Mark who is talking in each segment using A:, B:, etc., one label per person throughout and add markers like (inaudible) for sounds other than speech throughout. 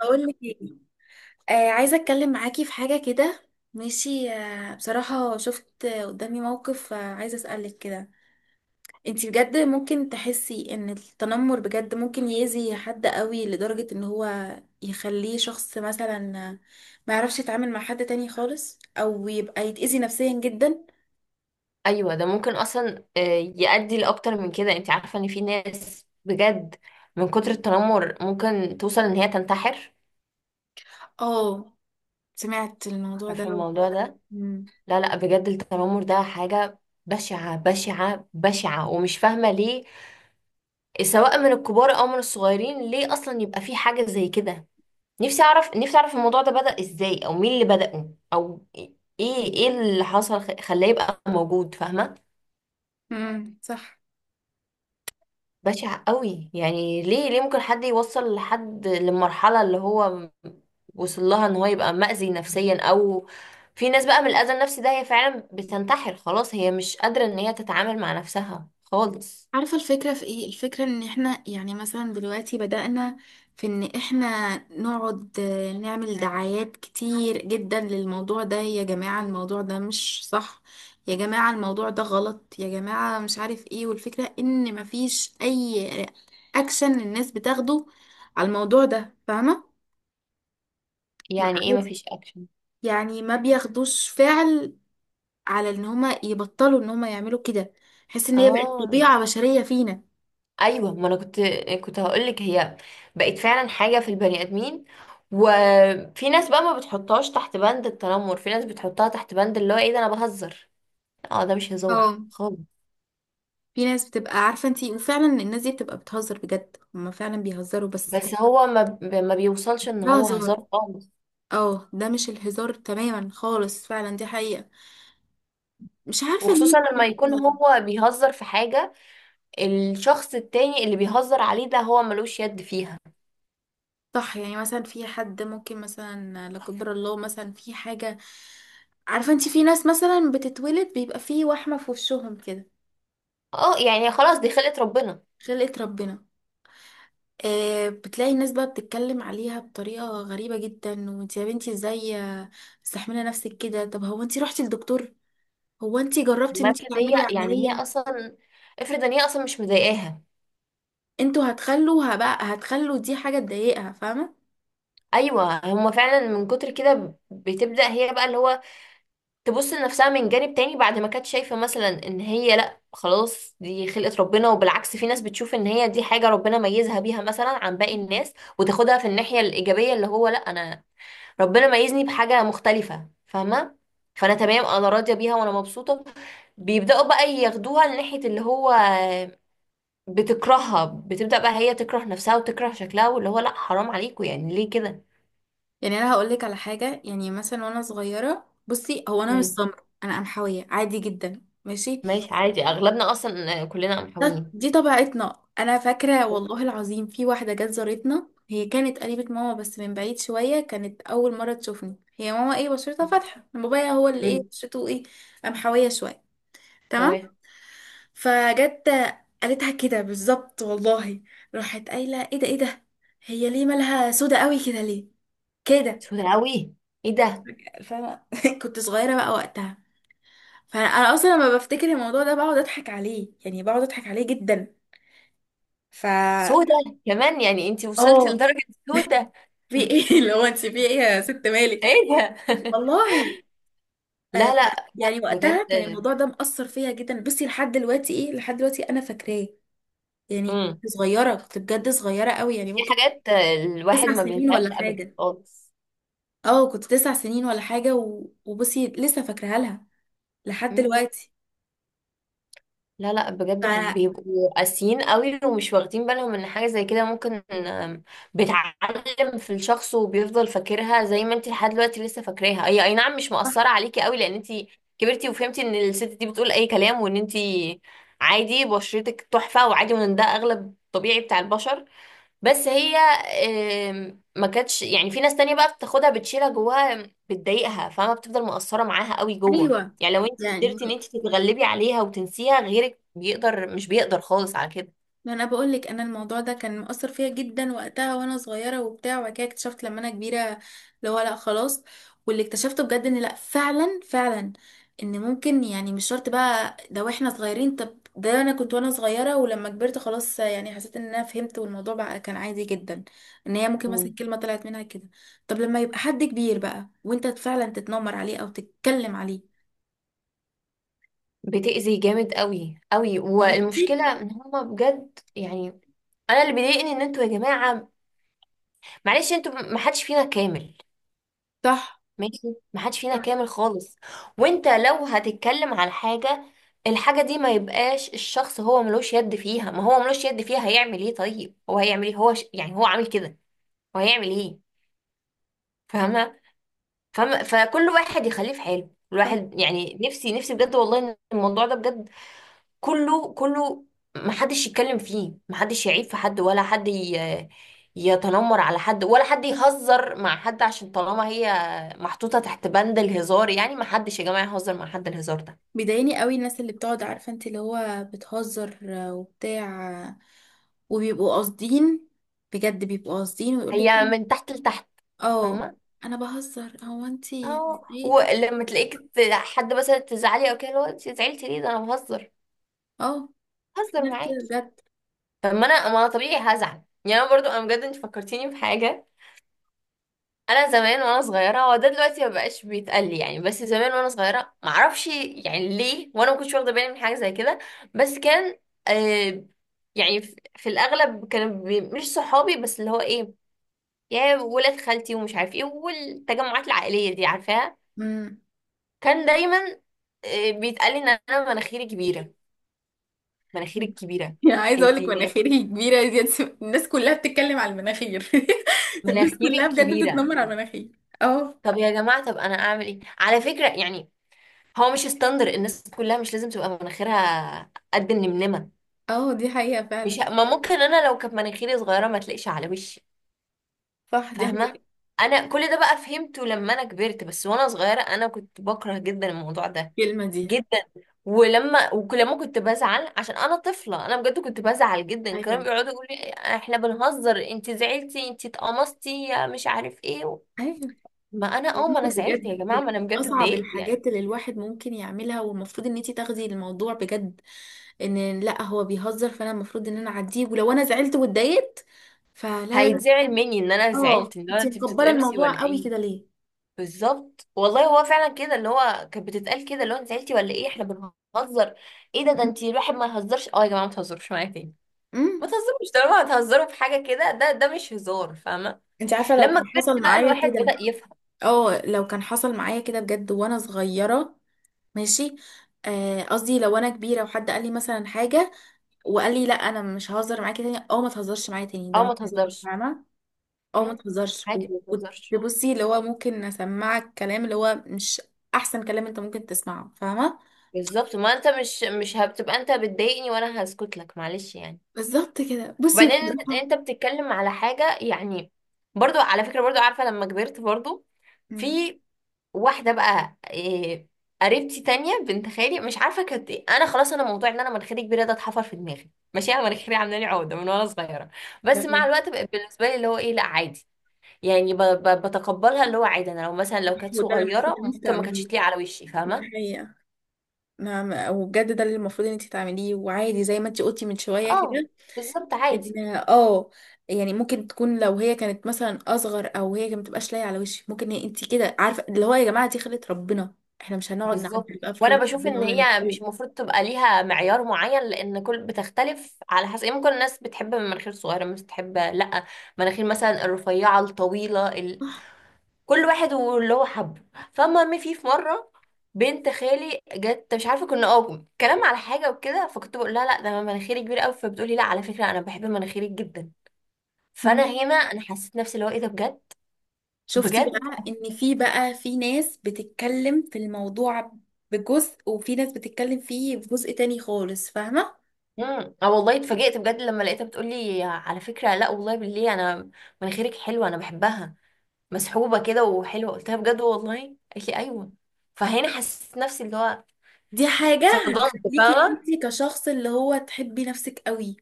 A: بقول لك ايه؟ عايزه اتكلم معاكي في حاجه كده. ماشي. بصراحه شفت، قدامي موقف، عايزه اسالك كده. انتي بجد ممكن تحسي ان التنمر بجد ممكن يأذي حد قوي لدرجه ان هو يخليه شخص مثلا آه، ما يعرفش يتعامل مع حد تاني خالص او يبقى يتأذي نفسيا جدا.
B: ايوه ده ممكن اصلا يؤدي لاكتر من كده. انت عارفه ان في ناس بجد من كتر التنمر ممكن توصل ان هي تنتحر.
A: اه، سمعت الموضوع ده.
B: عارفه الموضوع ده، لا لا بجد التنمر ده حاجه بشعه بشعه بشعه، ومش فاهمه ليه سواء من الكبار او من الصغيرين ليه اصلا يبقى في حاجه زي كده. نفسي اعرف، نفسي اعرف الموضوع ده بدأ ازاي، او مين اللي بدأه، او ايه ايه اللي حصل خلاه يبقى موجود، فاهمه؟
A: امم، صح.
B: بشع قوي. يعني ليه ليه ممكن حد يوصل لحد للمرحلة اللي هو وصل لها، ان هو يبقى مأذي نفسيا، او في ناس بقى من الأذى النفسي ده هي فعلا بتنتحر، خلاص هي مش قادرة ان هي تتعامل مع نفسها خالص.
A: عارفة الفكرة في ايه؟ الفكرة ان احنا يعني مثلا دلوقتي بدأنا في ان احنا نقعد، نعمل دعايات كتير جدا للموضوع ده، يا جماعة الموضوع ده مش صح، يا جماعة الموضوع ده غلط، يا جماعة مش عارف ايه. والفكرة ان مفيش اي اكشن الناس بتاخده على الموضوع ده، فاهمة؟
B: يعني ايه
A: مع-
B: مفيش اكشن؟
A: يعني ما بياخدوش فعل على ان هما يبطلوا ان هما يعملوا كده. حس ان هي بقت
B: اه
A: طبيعة بشرية فينا.
B: ايوه، ما انا كنت، كنت هقولك هي بقت فعلا حاجة في البني آدمين. وفي ناس بقى ما بتحطهاش تحت بند التنمر، في ناس بتحطها تحت بند اللي هو ايه ده انا بهزر. اه ده مش هزار
A: اه،
B: خالص.
A: في ناس بتبقى عارفة انتي، وفعلا الناس دي بتبقى بتهزر بجد، هما فعلا بيهزروا بس.
B: بس هو ما بيوصلش ان
A: ده
B: هو
A: هزار.
B: هزار خالص،
A: اه، ده مش الهزار تماما خالص، فعلا دي حقيقة. مش عارفة ليه.
B: وخصوصا لما يكون
A: بجد.
B: هو بيهزر في حاجة الشخص التاني اللي بيهزر عليه ده هو ملوش يد فيها.
A: صح، يعني مثلا في حد ممكن مثلا لا قدر الله مثلا في حاجة، عارفة انتي، في ناس مثلا بتتولد بيبقى في وحمة في وشهم كده.
B: اه يعني خلاص دي خلقة ربنا.
A: خلقة ربنا. بتلاقي الناس بقى بتتكلم عليها بطريقة غريبة جدا، وانتي يا بنتي ازاي مستحملة نفسك كده؟ طب هو انتي رحتي للدكتور؟ هو انت جربتي ان
B: ما
A: انت
B: افرض هي
A: تعملي
B: يعني، هي
A: عملية؟
B: اصلا، افرض ان هي اصلا مش مضايقاها.
A: انتوا هتخلوا دي حاجة تضايقها، فاهمة.
B: ايوه، هما فعلا من كتر كده بتبدأ هي بقى اللي هو تبص لنفسها من جانب تاني، بعد ما كانت شايفة مثلا ان هي لا خلاص دي خلقة ربنا، وبالعكس في ناس بتشوف ان هي دي حاجة ربنا ميزها بيها مثلا عن باقي الناس، وتاخدها في الناحية الإيجابية اللي هو لا انا ربنا ميزني بحاجة مختلفة، فاهمة؟ فانا تمام، انا راضية بيها وانا مبسوطة. بيبدأوا بقى ياخدوها لناحية اللي هو بتكرهها، بتبدأ بقى هي تكره نفسها وتكره شكلها، واللي هو لا حرام عليكم يعني ليه كده.
A: يعني انا هقولك على حاجة، يعني مثلا وانا صغيرة، بصي، هو انا مش
B: مم.
A: سمر، انا قمحوية عادي جدا، ماشي.
B: ماشي عادي، اغلبنا اصلا كلنا محاويين.
A: دي طبيعتنا. انا فاكرة والله العظيم، في واحدة جت زارتنا، هي كانت قريبة ماما بس من بعيد شوية، كانت اول مرة تشوفني. هي ماما ايه بشرتها فاتحة، بابايا هو اللي ايه
B: مم.
A: بشرته ايه، قمحوية شوية،
B: تمام.
A: تمام. فجت قالتها كده بالظبط والله، راحت قايله ايه ده ايه ده، هي ليه مالها سودا قوي كده، ليه كده.
B: سودة قوي؟ ايه ده؟
A: فانا (laughs) كنت صغيره بقى وقتها. فانا اصلا لما بفتكر الموضوع ده بقعد اضحك عليه، يعني بقعد اضحك عليه جدا. ف
B: سودة كمان؟ يعني انتي وصلتي
A: اه
B: لدرجة سودة؟
A: في
B: (laughs)
A: ايه (laughs) اللي هو انت في ايه يا ست
B: ايه
A: مالك،
B: ده؟ (laughs)
A: والله. آه،
B: لا
A: ف-
B: لا
A: يعني
B: بجد.
A: وقتها كان الموضوع ده مأثر فيا جدا، بصي لحد دلوقتي، ايه لحد دلوقتي انا فاكراه. يعني
B: امم،
A: كنت صغيره، كنت بجد صغيره قوي، يعني
B: في
A: ممكن
B: حاجات الواحد
A: تسع
B: ما
A: سنين
B: بينساهاش
A: ولا
B: ابدا
A: حاجه.
B: خالص.
A: اه، كنت 9 سنين ولا حاجة، و... وبصي لسه فاكراها لها لحد دلوقتي.
B: لا لا
A: ف...
B: بجد، بيبقوا قاسيين قوي، ومش واخدين بالهم ان حاجة زي كده ممكن بتعلم في الشخص وبيفضل فاكرها، زي ما انت لحد دلوقتي لسه فاكراها. هي اي نعم مش مؤثرة عليكي قوي لان انت كبرتي وفهمتي ان الست دي بتقول اي كلام، وان انت عادي بشرتك تحفة وعادي، وان ده اغلب طبيعي بتاع البشر. بس هي ما كانتش، يعني في ناس تانية بقى بتاخدها، بتشيلها جواها، بتضايقها، فما بتفضل مقصرة معاها قوي جوه.
A: ايوه،
B: يعني لو انت
A: يعني
B: قدرتي ان انت تتغلبي عليها وتنسيها، غيرك بيقدر، مش بيقدر خالص على كده.
A: ما انا بقول لك انا الموضوع ده كان مؤثر فيا جدا وقتها وانا صغيره وبتاع، وبعد كده اكتشفت لما انا كبيره اللي هو لا خلاص. واللي اكتشفته بجد ان لا، فعلا فعلا ان ممكن، يعني مش شرط بقى ده واحنا صغيرين. طب ده انا كنت وانا صغيره، ولما كبرت خلاص يعني حسيت ان انا فهمت، والموضوع بقى كان عادي جدا. ان هي ممكن مثلا
B: مم.
A: كلمه طلعت منها كده. طب لما يبقى حد كبير بقى وانت فعلا تتنمر عليه او تتكلم عليه،
B: بتأذي جامد قوي قوي،
A: فهمتي.
B: والمشكلة ان هما بجد يعني. انا اللي بيضايقني ان انتوا يا جماعة، معلش، انتوا ما حدش فينا كامل،
A: صح.
B: ماشي، محدش فينا كامل خالص. وانت لو هتتكلم على حاجة، الحاجة دي ما يبقاش الشخص هو ملوش يد فيها. ما هو ملوش يد فيها، هيعمل ايه؟ طيب هو هيعمل ايه؟ هو يعني هو عامل كده، هو هيعمل ايه؟ فاهمة؟ فاهمة؟ فكل واحد يخليه في حاله.
A: صح،
B: الواحد يعني نفسي، نفسي بجد والله ان الموضوع ده بجد كله كله محدش يتكلم فيه، محدش يعيب في حد، ولا يتنمر على حد، ولا حد يهزر مع حد، عشان طالما هي محطوطة تحت بند الهزار، يعني محدش يا جماعة يهزر مع حد. الهزار ده
A: بيضايقني قوي الناس اللي بتقعد عارفة انت اللي هو بتهزر وبتاع، وبيبقوا قاصدين، بجد بيبقوا قاصدين ويقولك
B: هي من تحت لتحت،
A: اه
B: فاهمة؟
A: انا بهزر، هو انت يعني.
B: اه
A: عادي.
B: ولما حد مثلا تزعلي او كده اللي هو انت زعلتي ليه؟ ده انا بهزر،
A: اه، في
B: بهزر
A: ناس كده
B: معاكي.
A: بجد.
B: طب ما انا، ما انا طبيعي هزعل، يعني انا برضو انا بجد. انت فكرتيني بحاجة. انا زمان وانا صغيره، هو ده دلوقتي ما بقاش بيتقال لي يعني، بس زمان وانا صغيره، ما اعرفش يعني ليه، وانا ما كنتش واخده بالي من حاجه زي كده. بس كان آه يعني، في الاغلب كانوا مش صحابي، بس اللي هو ايه، يا ولاد خالتي ومش عارف ايه، والتجمعات العائليه دي، عارفاها.
A: امم.
B: كان دايما آه بيتقال لي ان انا مناخيري كبيره، مناخيري كبيره،
A: يعني (laughs) عايزة اقولك
B: انتي مناخيري،
A: مناخيري كبيرة دي الناس كلها بتتكلم على المناخير، (laughs) الناس كلها
B: مناخيري
A: بجد
B: كبيره.
A: بتتنمر على المناخير. اه.
B: طب يا جماعه، طب انا اعمل ايه على فكره يعني؟ هو مش ستاندر الناس كلها مش لازم تبقى مناخيرها قد النمنمه.
A: اه، دي حقيقة
B: مش
A: فعلا.
B: ه- ما ممكن انا لو كانت مناخيري صغيره ما تلاقيش على وشي،
A: صح، دي حقيقة
B: فاهمه؟ انا كل ده بقى فهمته لما انا كبرت، بس وانا صغيره انا كنت بكره جدا الموضوع ده
A: الكلمة دي.
B: جدا. ولما كنت بزعل عشان انا طفله، انا بجد كنت بزعل جدا،
A: ايوه،
B: كانوا بيقعدوا يقولوا لي احنا بنهزر، انت زعلتي، انت اتقمصتي، يا مش عارف ايه.
A: ايوه،
B: ما انا اه، ما انا زعلت
A: بجد
B: يا جماعه،
A: من
B: ما انا بجد
A: اصعب
B: اتضايقت يعني.
A: الحاجات اللي الواحد ممكن يعملها. والمفروض ان انتي تاخدي الموضوع بجد، ان لا هو بيهزر فانا المفروض ان انا اعديه، ولو انا زعلت واتضايقت فلا، لا، لا.
B: هيتزعل مني ان انا
A: اه،
B: زعلت؟ ان انا
A: انتي
B: انت
A: مكبره
B: بتتقمصي
A: الموضوع
B: ولا ايه؟
A: قوي كده ليه؟
B: بالظبط والله، هو فعلا كده اللي هو كانت بتتقال كده، اللي هو انت زعلتي ولا ايه، احنا بنهزر. ايه ده؟ ده انت الواحد ما يهزرش. اه يا جماعه ما تهزروش معايا تاني،
A: امم.
B: ما تهزروش طالما هتهزروا في حاجه كده، ده ده مش هزار، فاهمه؟
A: انتي عارفه لو
B: لما
A: كان
B: كبرت
A: حصل
B: بقى
A: معايا
B: الواحد
A: كده،
B: بدأ يفهم.
A: اه، لو كان حصل معايا كده بجد وانا صغيره، ماشي، قصدي لو انا كبيره وحد قال لي مثلا حاجه، وقال لي لا، انا مش ههزر معاكي تاني، اه ما تهزرش معايا تاني ده
B: اه
A: مش
B: ما
A: هزار،
B: تهزرش.
A: فاهمه. اه، ما
B: مم،
A: تهزرش.
B: عادي، ما
A: وكنت،
B: تهزرش.
A: بصي، اللي هو ممكن اسمعك كلام اللي هو مش احسن كلام انت ممكن تسمعه، فاهمه.
B: بالظبط، ما انت مش، مش هتبقى انت بتضايقني وانا هسكت لك، معلش يعني.
A: بالظبط كده، بصي
B: وبعدين انت،
A: بصراحه.
B: انت بتتكلم على حاجه يعني، برضو على فكره، برضو عارفه لما كبرت برضو،
A: امم،
B: في واحده بقى إيه، قريبتي تانية بنت خالي، مش عارفه كانت إيه. انا خلاص انا موضوع ان انا مناخيري كبيره ده اتحفر في دماغي، ماشي، انا مناخيري عامله لي عقده من وانا صغيره. بس مع
A: تمام.
B: الوقت بقت بالنسبه لي اللي هو ايه لا عادي، يعني بتقبلها، اللي هو عادي انا لو مثلا لو كانت
A: هو ده اللي المفروض
B: صغيره
A: ان انت
B: ممكن ما كانتش
A: تعمليه،
B: تليق على وشي،
A: دي
B: فاهمه؟
A: حقيقه. نعم، وبجد ده اللي المفروض ان انت تعمليه، وعادي زي ما انت قلتي من شويه
B: اه
A: كده،
B: بالظبط، عادي.
A: ان اه يعني ممكن تكون لو هي كانت مثلا اصغر، او هي ما تبقاش لايقه على وشك، ممكن هي انت كده عارفه اللي هو يا جماعه دي خلقه ربنا، احنا مش هنقعد
B: بالظبط،
A: نعدل بقى في
B: وانا
A: خلقه
B: بشوف
A: ربنا
B: ان
A: ولا
B: هي مش المفروض تبقى ليها معيار معين، لان كل بتختلف على حسب يعني، ممكن الناس بتحب مناخير صغيره، مش بتحب، لا، مناخير مثلا الرفيعه الطويله. كل واحد واللي هو حبه. فالمهم، في مره بنت خالي جت، مش عارفه كنا اه كلام على حاجه وكده، فكنت بقول لها لا ده مناخيري كبيره قوي، فبتقولي لا على فكره انا بحب مناخيري جدا. فانا
A: نتكلم.
B: هنا انا حسيت نفسي اللي هو ايه ده بجد،
A: شفتي
B: بجد.
A: بقى ان في ناس بتتكلم في الموضوع بجزء، وفي ناس بتتكلم فيه بجزء تاني خالص، فاهمة.
B: امم، اه والله اتفاجئت بجد لما لقيتها بتقولي على فكره لا والله بالله، انا مناخيرك حلوه، انا بحبها، مسحوبه كده وحلوه. قلت لها بجد والله؟ قالت لي ايوه. فهنا حسيت نفسي اللي هو
A: دي حاجة
B: اتصدمت،
A: تخليكي
B: فاهمه؟
A: انتي كشخص اللي هو تحبي نفسك قوي،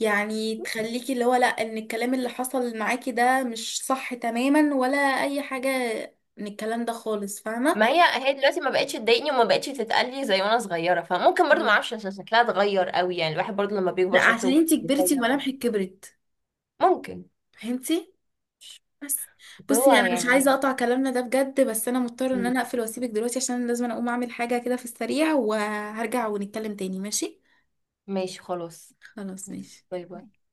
A: يعني تخليكي اللي هو لا، ان الكلام اللي حصل معاكي ده مش صح تماما، ولا اي حاجة من الكلام ده خالص، فاهمة.
B: ما هي هي دلوقتي ما بقتش تضايقني وما بقتش تتقلي زي وانا صغيره، فممكن برضو ما
A: مم.
B: اعرفش، عشان شكلها اتغير قوي، يعني الواحد برضو لما بيكبر
A: لا، عشان
B: شكله
A: انتي كبرتي
B: بيتغير او كده.
A: وملامحك كبرت،
B: ممكن.
A: فهمتي. بس،
B: بس هو
A: بصي، انا مش عايزه
B: يعني.
A: اقطع كلامنا ده بجد، بس انا مضطره ان
B: مم.
A: انا اقفل واسيبك دلوقتي عشان أنا لازم اقوم اعمل حاجه كده في السريع، وهرجع ونتكلم تاني، ماشي.
B: ماشي خلاص.
A: خلاص،
B: ماشي.
A: ماشي.
B: باي باي.